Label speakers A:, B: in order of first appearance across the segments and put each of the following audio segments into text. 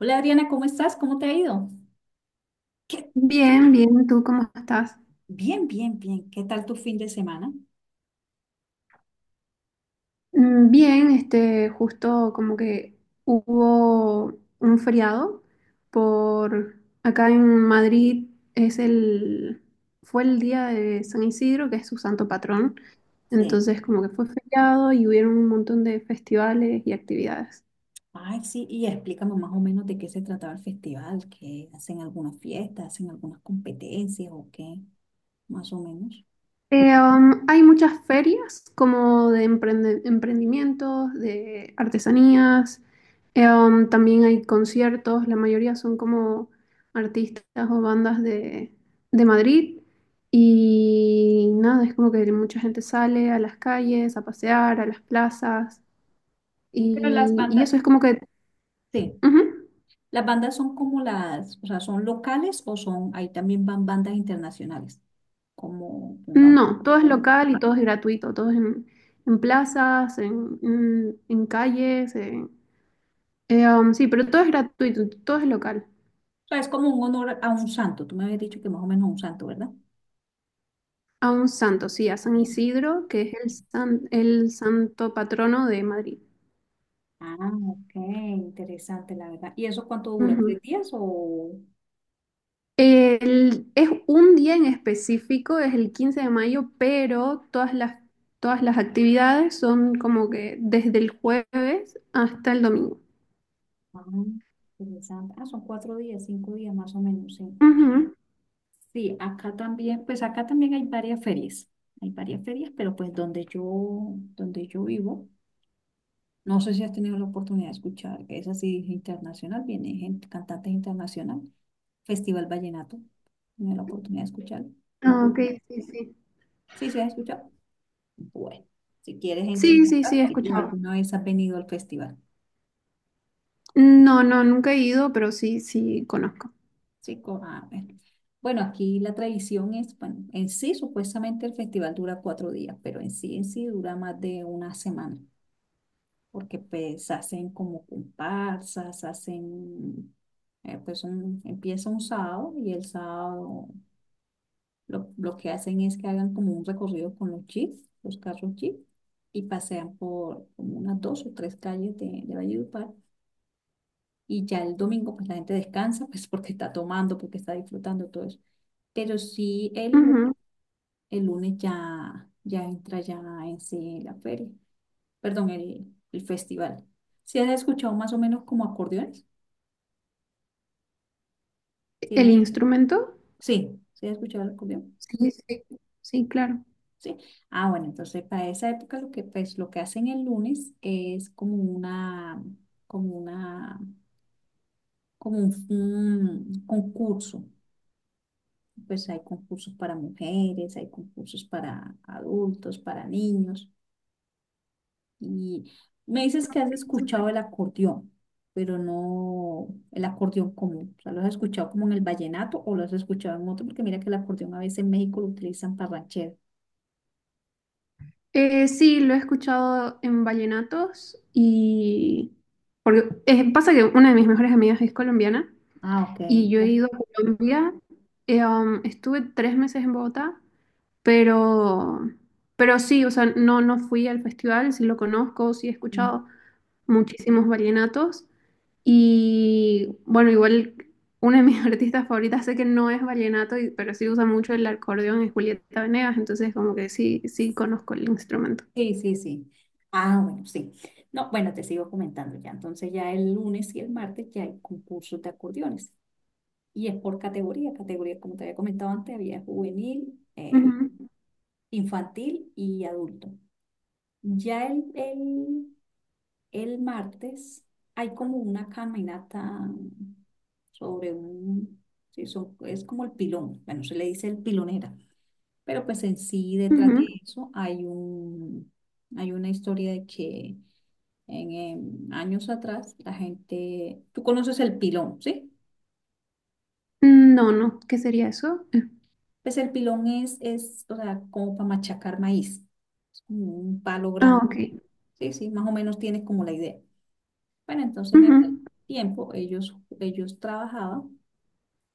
A: Hola Adriana, ¿cómo estás? ¿Cómo te ha ido? ¿Qué?
B: Bien, bien, ¿tú cómo estás?
A: Bien, bien, bien. ¿Qué tal tu fin de semana?
B: Bien, justo como que hubo un feriado por acá en Madrid es el, fue el día de San Isidro, que es su santo patrón.
A: Sí.
B: Entonces como que fue feriado y hubieron un montón de festivales y actividades.
A: Ay, sí, y explícame más o menos de qué se trataba el festival, que hacen algunas fiestas, hacen algunas competencias o qué, más o menos.
B: Hay muchas ferias como de emprendimientos, de artesanías. También hay conciertos, la mayoría son como artistas o bandas de Madrid, y nada, es como que mucha gente sale a las calles, a pasear, a las plazas,
A: Pero las
B: y eso
A: bandas,
B: es como que.
A: sí,
B: Ujú.
A: las bandas son como las, o sea, son locales o son, ahí también van bandas internacionales, como, pongamos,
B: No, todo es local y todo es gratuito, todo es en plazas, en calles, sí, pero todo es gratuito, todo es local.
A: o sea, es como un honor a un santo, tú me habías dicho que más o menos a un santo, ¿verdad?
B: A un santo, sí, a San Isidro, que es el santo patrono de Madrid.
A: Ah, ok, interesante, la verdad. ¿Y eso cuánto dura?
B: Ujú.
A: ¿Tres días o...?
B: Es un día en específico, es el 15 de mayo, pero todas las actividades son como que desde el jueves hasta el domingo.
A: Ah, interesante. Ah, son cuatro días, cinco días más o menos, sí.
B: Ujú.
A: Sí, acá también, pues acá también hay varias ferias. Hay varias ferias, pero pues donde yo vivo, no sé si has tenido la oportunidad de escuchar, que es así internacional, viene gente, cantantes internacional, Festival Vallenato. Tenido la oportunidad de escuchar.
B: Ah, ok, sí, sí.
A: Sí, se ha escuchado. Bueno, si quieres entro
B: Sí,
A: en
B: sí, sí, he
A: contacto o
B: escuchado.
A: alguna vez has venido al festival.
B: No, no, nunca he ido, pero sí, sí, conozco.
A: Sí, ah, bueno. Bueno, aquí la tradición es, bueno, en sí supuestamente el festival dura cuatro días, pero en sí dura más de una semana, porque pues hacen como comparsas, hacen, pues empieza un sábado y el sábado lo que hacen es que hagan como un recorrido con los jeeps, los carros jeep, y pasean por como unas dos o tres calles de Valledupar y ya el domingo pues la gente descansa pues porque está tomando, porque está disfrutando todo eso. Pero sí el,
B: Ujú.
A: el lunes ya, ya entra ya en sí la feria, perdón, el festival. ¿Sí has escuchado más o menos como acordeones? ¿Sí,
B: ¿El instrumento?
A: sí, sí has escuchado el acordeón?
B: Sí, sí, sí, claro.
A: Sí. Ah, bueno, entonces para esa época lo que pues lo que hacen el lunes es como una como un concurso, pues hay concursos para mujeres, hay concursos para adultos, para niños. Y me dices que has escuchado el acordeón, pero no el acordeón común. O sea, ¿lo has escuchado como en el vallenato o lo has escuchado en otro? Porque mira que el acordeón a veces en México lo utilizan para ranchero.
B: Sí, lo he escuchado en vallenatos, y porque pasa que una de mis mejores amigas es colombiana
A: Ah, ok.
B: y yo he
A: Pues,
B: ido a Colombia. Estuve 3 meses en Bogotá, pero sí, o sea, no no fui al festival, sí lo conozco, sí he escuchado muchísimos vallenatos. Y bueno, igual una de mis artistas favoritas, sé que no es vallenato, pero sí usa mucho el acordeón, es Julieta Venegas. Entonces como que sí conozco el instrumento.
A: sí, sí, sí. Ah, bueno, sí. No, bueno, te sigo comentando ya. Entonces ya el lunes y el martes ya hay concursos de acordeones. Y es por categoría. Categoría, como te había comentado antes, había juvenil,
B: Ujú,
A: infantil y adulto. Ya el martes hay como una caminata sobre un, sí, es como el pilón, bueno, se le dice el pilonera, pero pues en sí detrás de
B: ujú.
A: eso hay un, hay una historia de que en, años atrás la gente, tú conoces el pilón, ¿sí?
B: No, no, ¿qué sería eso?
A: Pues el pilón es, o sea, como para machacar maíz, es como un palo
B: Ah,
A: grande,
B: ok.
A: sí, sí, más o menos tienes como la idea. Bueno, entonces en
B: Ujú,
A: aquel tiempo ellos trabajaban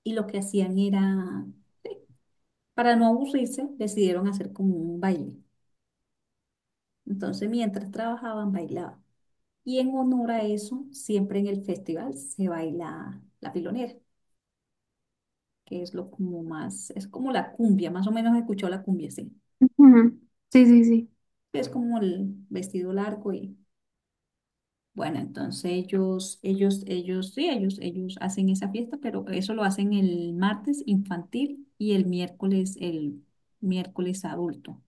A: y lo que hacían era, para no aburrirse, decidieron hacer como un baile. Entonces mientras trabajaban, bailaban. Y en honor a eso, siempre en el festival se baila la pilonera, que es lo como más, es como la cumbia, más o menos escuchó la cumbia, sí.
B: ujú. Sí, sí, sí.
A: Es como el vestido largo y bueno, entonces ellos hacen esa fiesta, pero eso lo hacen el martes infantil y el miércoles adulto.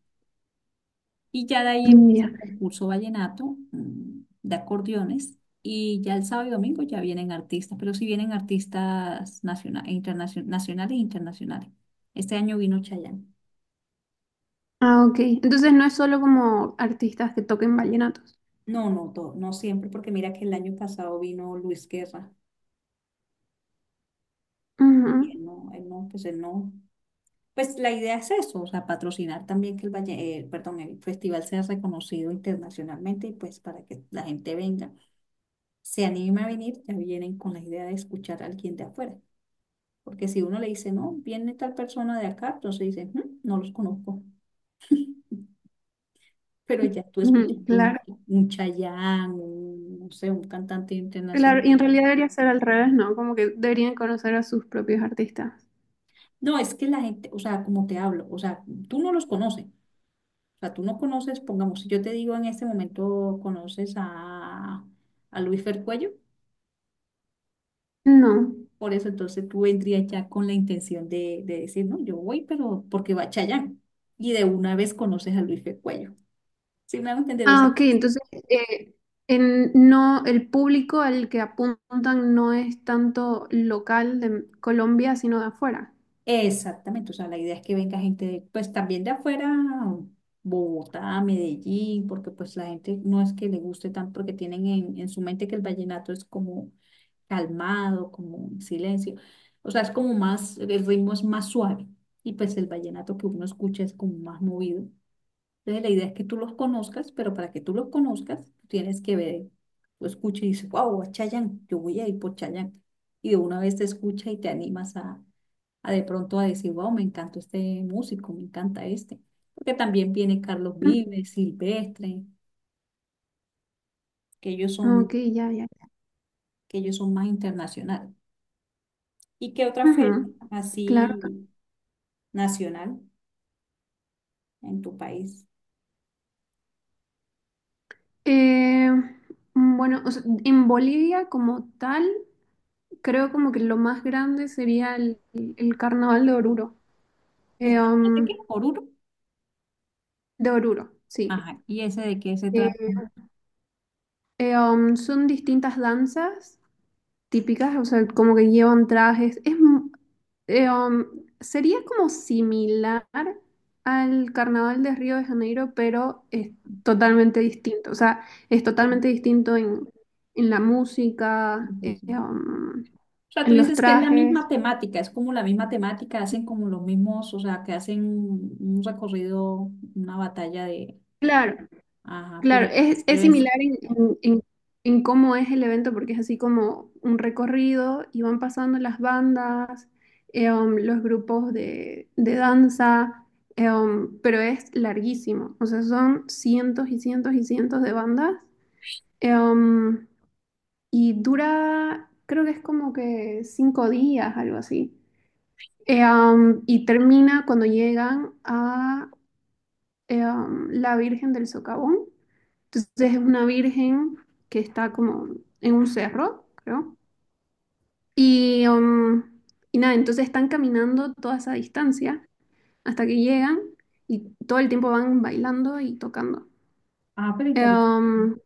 A: Y ya de ahí
B: Mm,
A: empieza
B: ya.
A: el concurso vallenato, de acordeones, y ya el sábado y domingo ya vienen artistas, pero sí vienen artistas nacionales, nacionales e internacionales. Este año vino Chayanne.
B: Ah, ok. Entonces no es solo como artistas que toquen vallenatos.
A: No, no, no siempre, porque mira que el año pasado vino Luis Guerra,
B: Ujú,
A: y él no, pues él no. Pues la idea es eso, o sea, patrocinar también que el valle, perdón, el festival sea reconocido internacionalmente y pues para que la gente venga, se anime a venir, ya vienen con la idea de escuchar a alguien de afuera. Porque si uno le dice, no, viene tal persona de acá, entonces dice, "Mm, no los conozco. Pero ya tú
B: ujú,
A: escuchando
B: claro,
A: un Chayanne, un, no sé, un cantante internacional.
B: claro. Y en realidad debería ser al revés, ¿no? Como que deberían conocer a sus propios artistas.
A: No, es que la gente, o sea, como te hablo, o sea, tú no los conoces, o sea, tú no conoces, pongamos, si yo te digo en este momento conoces a Luis Fercuello,
B: No.
A: por eso entonces tú vendrías ya con la intención de decir, no, yo voy, pero porque va Chayán. Y de una vez conoces a Luis Fercuello. ¿Sí me hago entender? O
B: Ah,
A: sea,
B: ok. Entonces, eh, no, el público al que apuntan no es tanto local de Colombia, sino de afuera.
A: exactamente, o sea, la idea es que venga gente, de, pues también de afuera, Bogotá, Medellín, porque pues la gente no es que le guste tanto, porque tienen en su mente que el vallenato es como calmado, como en silencio, o sea, es como más, el ritmo es más suave, y pues el vallenato que uno escucha es como más movido. Entonces, la idea es que tú los conozcas, pero para que tú los conozcas, tú tienes que ver, tú escuchas y dices, wow, a Chayanne, yo voy a ir por Chayanne. Y de una vez te escucha y te animas a de pronto a decir, wow, me encanta este músico, me encanta este. Porque también viene Carlos Vives, Silvestre, que ellos
B: Ujú.
A: son,
B: Ok, ya, ya.
A: que ellos son más internacionales. ¿Y qué otra feria
B: Ujú, claro.
A: así nacional en tu país?
B: Eh, bueno, o sea, en Bolivia como tal, creo como que lo más grande sería el carnaval de Oruro.
A: ¿El
B: Eh,
A: carnaval de
B: um,
A: qué? ¿Oruro?
B: de Oruro, sí.
A: Ajá. ¿Y ese de qué se trata?
B: Eh, Son distintas danzas típicas, o sea, como que llevan trajes. Eh, um, Sería como similar al Carnaval de Río de Janeiro, pero es totalmente distinto. O sea, es
A: Sí,
B: totalmente distinto en la música,
A: sí, sí. O sea, tú
B: en los
A: dices que es la misma
B: trajes.
A: temática, es como la misma temática, hacen como los mismos, o sea, que hacen un recorrido, una batalla de,
B: Claro,
A: ajá,
B: claro, es
A: pero es,
B: similar en cómo es el evento, porque es así como un recorrido y van pasando las bandas, los grupos de danza. Pero es larguísimo, o sea, son cientos y cientos y cientos de bandas. eh, um, y dura, creo que es como que 5 días, algo así. Y termina cuando llegan a la Virgen del Socavón. Entonces es una virgen que está como en un cerro, creo. Y, um, y nada, entonces están caminando toda esa distancia hasta que llegan, y todo el tiempo van bailando y tocando.
A: ajá, pero
B: Eh,
A: interesante. O
B: um,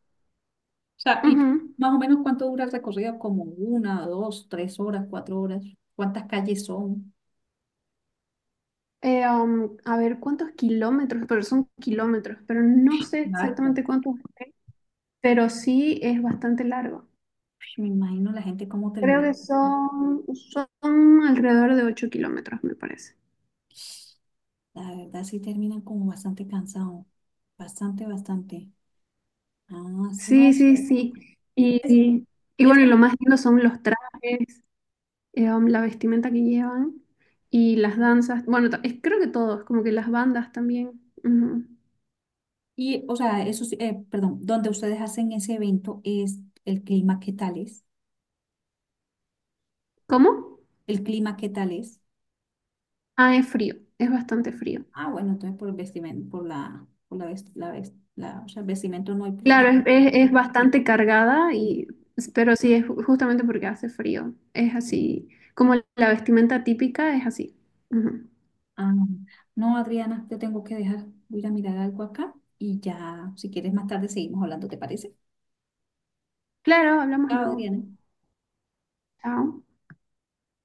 A: sea, y
B: Ujú.
A: más o menos cuánto dura el recorrido, como una, dos, tres horas, cuatro horas, cuántas calles son,
B: A ver cuántos kilómetros, pero son kilómetros, pero no sé
A: largo.
B: exactamente cuántos, pero sí es bastante largo.
A: Uy, me imagino la gente cómo
B: Creo
A: termina.
B: que son alrededor de 8 kilómetros, me parece.
A: La verdad sí terminan como bastante cansados, bastante, bastante. Ah, no
B: Sí,
A: sé.
B: sí, sí. Y,
A: Es,
B: y- y
A: es
B: bueno, y
A: la-
B: lo más lindo son los trajes, la vestimenta que llevan y las danzas. Bueno, creo que todos, como que las bandas también. Ujú.
A: Y, o sea, eso, sí, perdón, donde ustedes hacen ese evento es el clima, ¿qué tal es?
B: ¿Cómo?
A: El clima, ¿qué tal es?
B: Ah, es frío, es bastante frío.
A: Ah, bueno, entonces por el vestimenta, por la, o sea, el vestimenta no hay problema.
B: Claro, es bastante cargada, y, pero sí, es justamente porque hace frío. Es así, como la vestimenta típica es así. Ujú.
A: Ah, no, Adriana, te tengo que dejar. Voy a ir a mirar algo acá y ya, si quieres más tarde seguimos hablando, ¿te parece?
B: Claro, hablamos
A: Chao,
B: luego.
A: Adriana.
B: Chao.